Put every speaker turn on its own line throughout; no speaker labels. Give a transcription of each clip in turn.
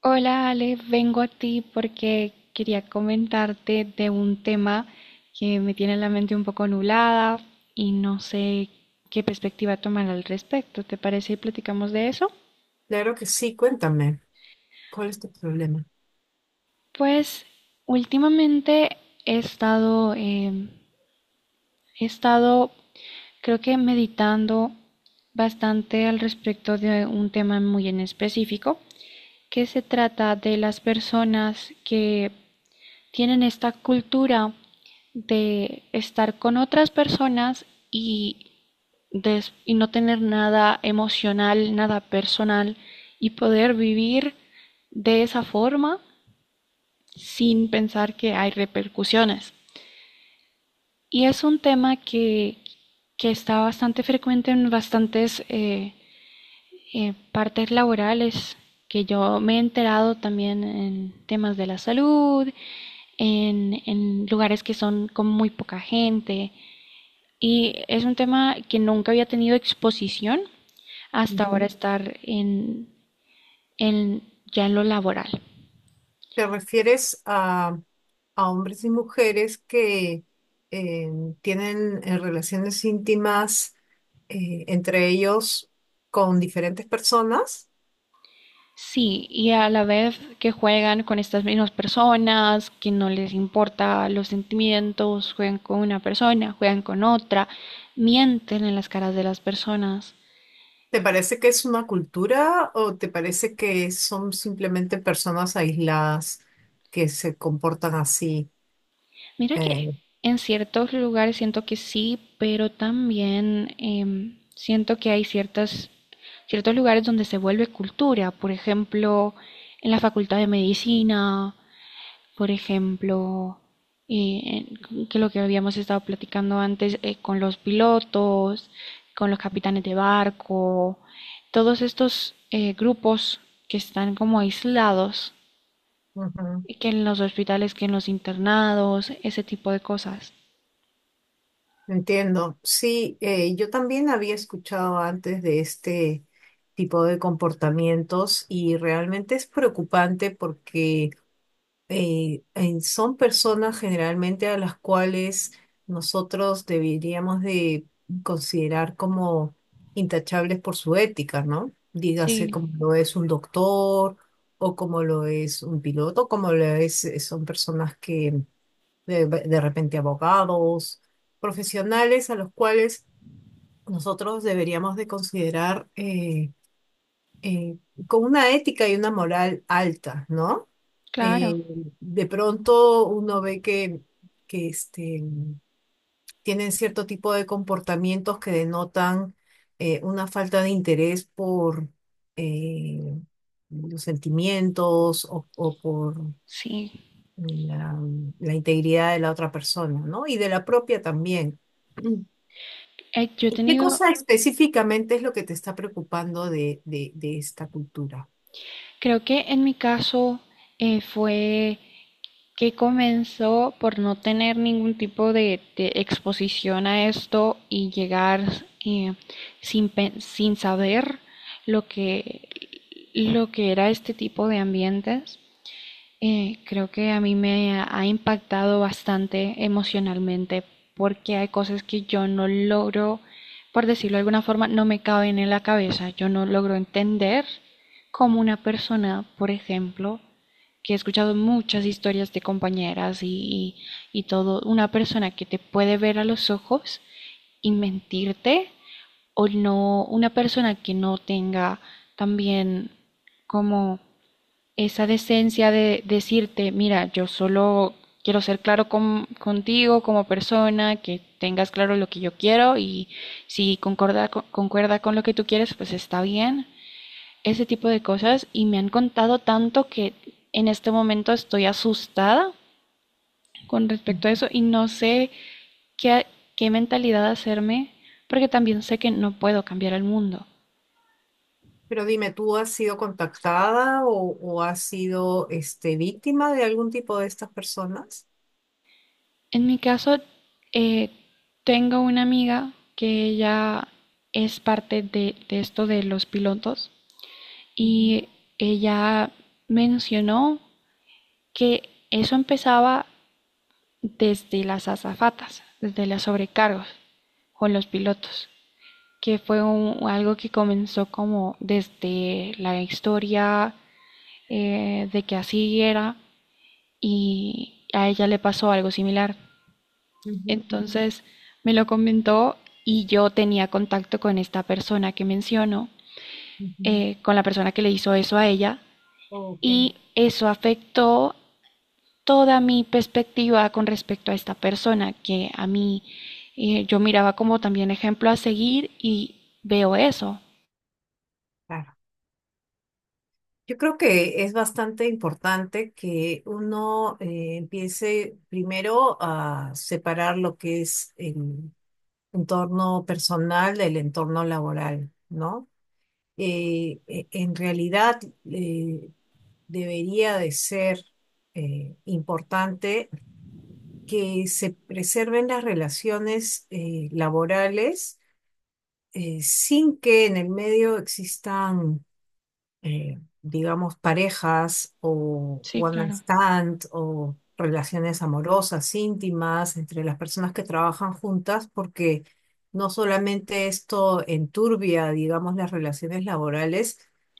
Hola Ale, vengo a ti porque quería comentarte de un tema que me tiene la mente un poco nublada y no sé qué perspectiva tomar al respecto. ¿Te parece y platicamos de eso?
Claro que sí, cuéntame, ¿cuál es tu problema?
Pues últimamente he estado, em, he estado, creo que meditando bastante al respecto de un tema muy en específico, que se trata de las personas que tienen esta cultura de estar con otras personas y no tener nada emocional, nada personal y poder vivir de esa forma sin pensar que hay repercusiones. Y es un tema que está bastante frecuente en bastantes partes laborales que yo me he enterado también en temas de la salud, lugares que son con muy poca gente. Y es un tema que nunca había tenido exposición hasta ahora
Ujú.
estar en, ya en lo laboral.
¿Te refieres a hombres y mujeres que eh, tienen relaciones íntimas entre ellos con diferentes personas?
Sí, y a la vez que juegan con estas mismas personas, que no les importa los sentimientos, juegan con una persona, juegan con otra, mienten en las caras de las personas.
¿Te parece que es una cultura o te parece que son simplemente personas aisladas que se comportan así?
Mira que
Eh,
en ciertos lugares siento que sí, pero también siento que hay ciertos lugares donde se vuelve cultura. Por ejemplo, en la Facultad de Medicina, por ejemplo, que lo que habíamos estado platicando antes con los pilotos, con los capitanes de barco, todos estos grupos que están como aislados,
ujú.
y que en los hospitales, que en los internados, ese tipo de cosas.
Entiendo. Sí, yo también había escuchado antes de este tipo de comportamientos y realmente es preocupante porque son personas generalmente a las cuales nosotros deberíamos de considerar como intachables por su ética, ¿no? Dígase
Sí,
como lo es un doctor o como lo es un piloto, como lo es, son personas que de repente abogados, profesionales a los cuales nosotros deberíamos de considerar eh, con una ética y una moral alta, ¿no? Eh,
claro,
de pronto uno ve que este, tienen cierto tipo de comportamientos que denotan una falta de interés por eh, los sentimientos o por
sí.
la, la integridad de la otra persona, ¿no? Y de la propia también. Mm.
Eh, yo he
¿Y qué
tenido,
cosa específicamente es lo que te está preocupando de esta cultura?
creo que en mi caso fue que comenzó por no tener ningún tipo de exposición a esto y llegar eh, sin saber lo que, lo que era este tipo de ambientes. Creo que a mí me ha impactado bastante emocionalmente porque hay cosas que yo no logro, por decirlo de alguna forma, no me caben en la cabeza. Yo no logro entender cómo una persona, por ejemplo, que he escuchado muchas historias de compañeras y todo, una persona que te puede ver a los ojos y mentirte, o no, una persona que no tenga también como esa decencia de decirte, mira, yo solo quiero ser claro contigo como persona, que tengas claro lo que yo quiero y si concuerda con lo que tú quieres, pues está bien. Ese tipo de cosas y me han contado tanto que en este momento estoy asustada con
Mm.
respecto a eso y no sé qué, qué mentalidad hacerme porque también sé que no puedo cambiar el mundo.
Pero dime, ¿tú has sido contactada o has sido este, víctima de algún tipo de estas personas?
En mi caso, eh, tengo una amiga que ella es parte de esto de los pilotos
Ujú,
y ella mencionó que eso empezaba desde las azafatas, desde los sobrecargos con los pilotos, que fue un- algo que comenzó como desde la historia de que así era y a ella le pasó algo similar.
ujú,
Entonces me lo comentó y yo tenía contacto con esta persona que menciono,
ujú.
con la persona que le hizo eso a ella,
Ok,
y eso afectó toda mi perspectiva con respecto a esta persona que a mí yo miraba como también ejemplo a seguir y veo eso.
claro. Yo creo que es bastante importante que uno empiece primero a separar lo que es el entorno personal del entorno laboral, ¿no? En realidad eh, debería de ser importante que se preserven las relaciones laborales sin que en el medio, digamos, parejas o
Sí,
one night
claro.
stand o relaciones amorosas, íntimas, entre las personas que trabajan juntas, porque no solamente esto enturbia, digamos, las relaciones laborales,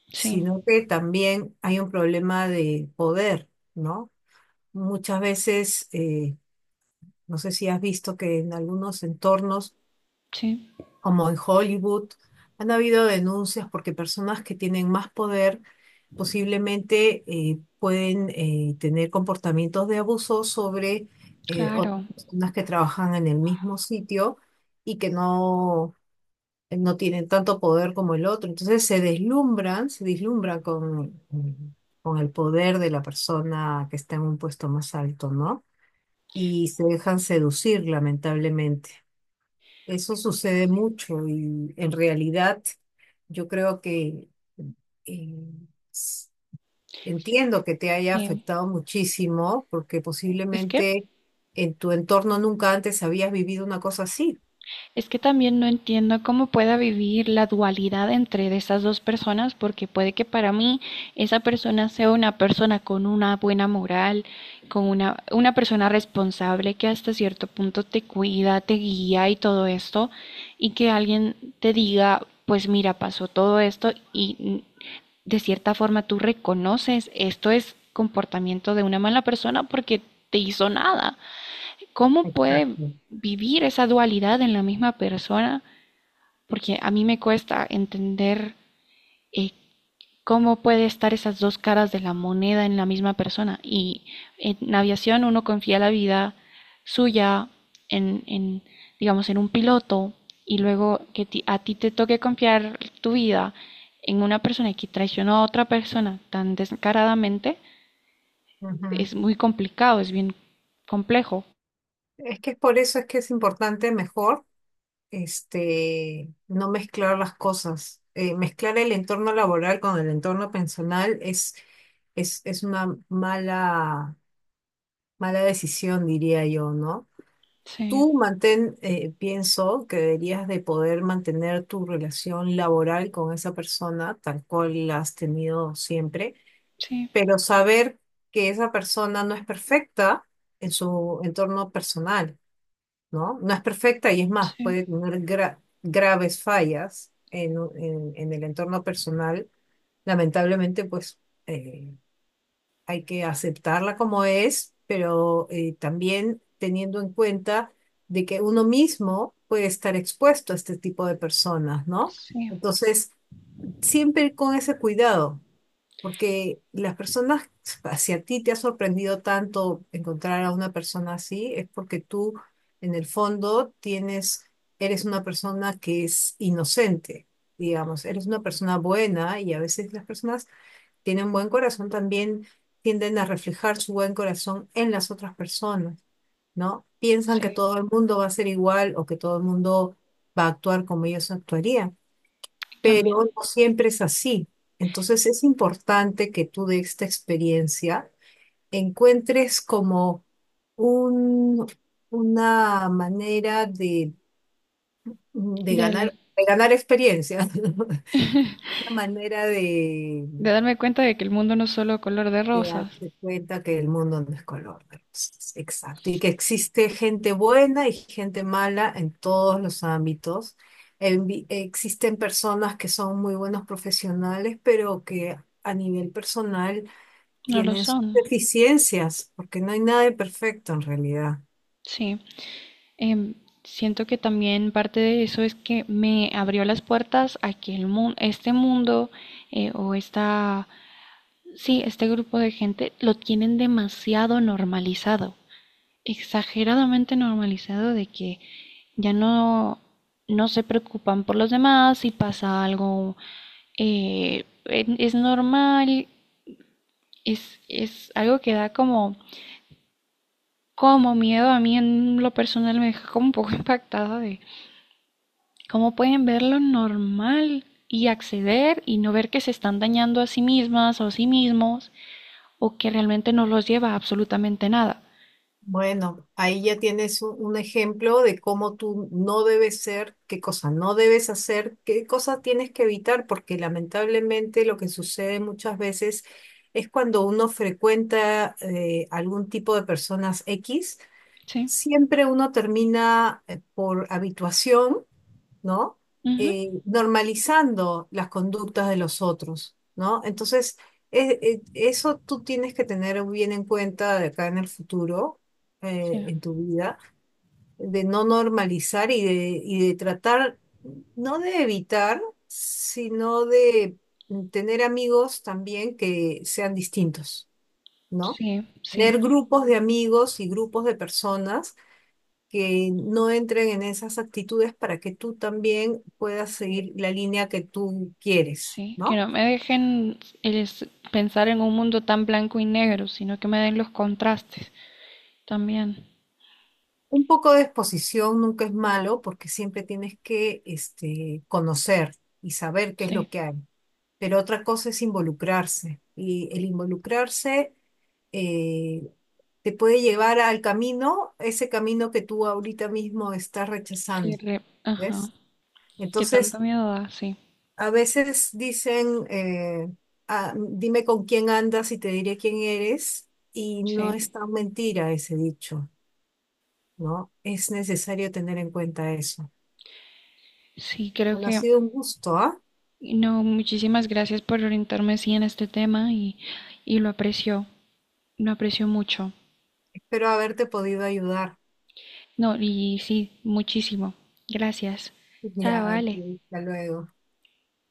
Sí,
sino que también hay un problema de poder, ¿no? Muchas veces, no sé si has visto que en algunos entornos,
sí,
como en Hollywood, han habido denuncias porque personas que tienen más poder posiblemente pueden tener comportamientos de abuso sobre otras
claro.
personas que trabajan en el mismo sitio y que no, no tienen tanto poder como el otro. Entonces se deslumbran con, mm, con el poder de la persona que está en un puesto más alto, ¿no? Y se dejan seducir, lamentablemente. Eso sucede mucho y en realidad yo creo que eh, s-
Sí,
entiendo que te haya
sí.
afectado muchísimo porque
Es que
posiblemente en tu entorno nunca antes habías vivido una cosa así.
es que también no entiendo cómo pueda vivir la dualidad entre de esas dos personas, porque puede que para mí esa persona sea una persona con una buena moral, con una persona responsable que hasta cierto punto te cuida, te guía y todo esto, y que alguien te diga, pues mira, pasó todo esto y de cierta forma tú reconoces esto es comportamiento de una mala persona porque te hizo nada. ¿Cómo puede
Exacto.
vivir esa dualidad en la misma persona? Porque a mí me cuesta entender eh, cómo puede estar esas dos caras de la moneda en la misma persona. Y en aviación uno confía la vida suya en digamos, en un piloto y luego que a ti te toque confiar tu vida en una persona que traicionó a otra persona tan descaradamente,
Ujú.
es muy complicado, es bien complejo.
Es que por eso es que es importante mejor este, no mezclar las cosas. Mezclar el entorno laboral con el entorno personal es una mala. Mala decisión, diría yo, ¿no?
Sí,
Tú mantén, pienso que deberías de poder mantener tu relación laboral con esa persona tal cual la has tenido siempre,
sí,
pero saber que esa persona no es perfecta en su entorno personal, ¿no? No es perfecta y es más,
sí,
puede tener graves fallas en el entorno personal, lamentablemente, pues eh, hay que aceptarla como es, pero también teniendo en cuenta de que uno mismo puede estar expuesto a este tipo de personas, ¿no?
sí.
Entonces, siempre con ese cuidado, porque las personas, si a ti te ha sorprendido tanto encontrar a una persona así, es porque tú, en el fondo, tienes, eres una persona que es inocente. Digamos, eres una persona buena y a veces las personas tienen un buen corazón también tienden a reflejar su buen corazón en las otras personas, ¿no? Piensan que
Sí,
todo el mundo va a ser igual o que todo el mundo va a actuar como ellos actuarían, pero
también.
no siempre es así. Entonces es importante que tú de esta experiencia encuentres como un, una manera
De,
de ganar experiencia, una manera
de darme cuenta de que el mundo no es solo color de
de
rosas.
darse cuenta que el mundo no es color de rosas. Exacto. Y que existe gente buena y gente mala en todos los ámbitos. Existen personas que son muy buenos profesionales, pero que a nivel personal
No lo
tienen sus
son.
deficiencias, porque no hay nada de perfecto en realidad.
Sí. Em, Siento que también parte de eso es que me abrió las puertas a que el mundo, este mundo eh, o esta, sí, este grupo de gente lo tienen demasiado normalizado. Exageradamente normalizado de que ya no, no se preocupan por los demás, si pasa algo es normal, es algo que da como, como miedo a mí en lo personal, me deja como un poco impactada de cómo pueden ver lo normal y acceder y no ver que se están dañando a sí mismas o a sí mismos o que realmente no los lleva a absolutamente nada.
Bueno, ahí ya tienes un ejemplo de cómo tú no debes ser, qué cosa no debes hacer, qué cosas tienes que evitar, porque lamentablemente lo que sucede muchas veces es cuando uno frecuenta algún tipo de personas X,
Sí,
siempre uno termina por habituación. ¿No?
ujú,
Normalizando las conductas de los otros, ¿no? Entonces, eso tú tienes que tener bien en cuenta de acá en el futuro,
sí,
en tu vida, de no normalizar y de tratar, no de evitar, sino de tener amigos también que sean distintos, ¿no?
sí, sí,
Tener grupos de amigos y grupos de personas que no entren en esas actitudes para que tú también puedas seguir la línea que tú quieres,
sí. Que
¿no?
no me dejen es, pensar en un mundo tan blanco y negro, sino que me den los contrastes también.
Un poco de exposición nunca es malo porque siempre tienes que este, conocer y saber qué es
Sí,
lo que hay. Pero otra cosa es involucrarse y el involucrarse eh, te puede llevar al camino, ese camino que tú ahorita mismo estás
sí,
rechazando,
re- ajá.
¿ves?
Que tanto
Entonces,
miedo da, sí,
a veces dicen, "Ah, dime con quién andas y te diré quién eres", y no
sí.
es tan mentira ese dicho, ¿no? Es necesario tener en cuenta eso.
Sí, creo
Bueno, ha
que
sido un gusto, ¿ah?
no, muchísimas gracias por orientarme así en este tema y lo aprecio mucho.
Espero haberte podido ayudar.
No, y sí, muchísimo. Gracias. Chao,
Ya,
vale.
ok, hasta luego.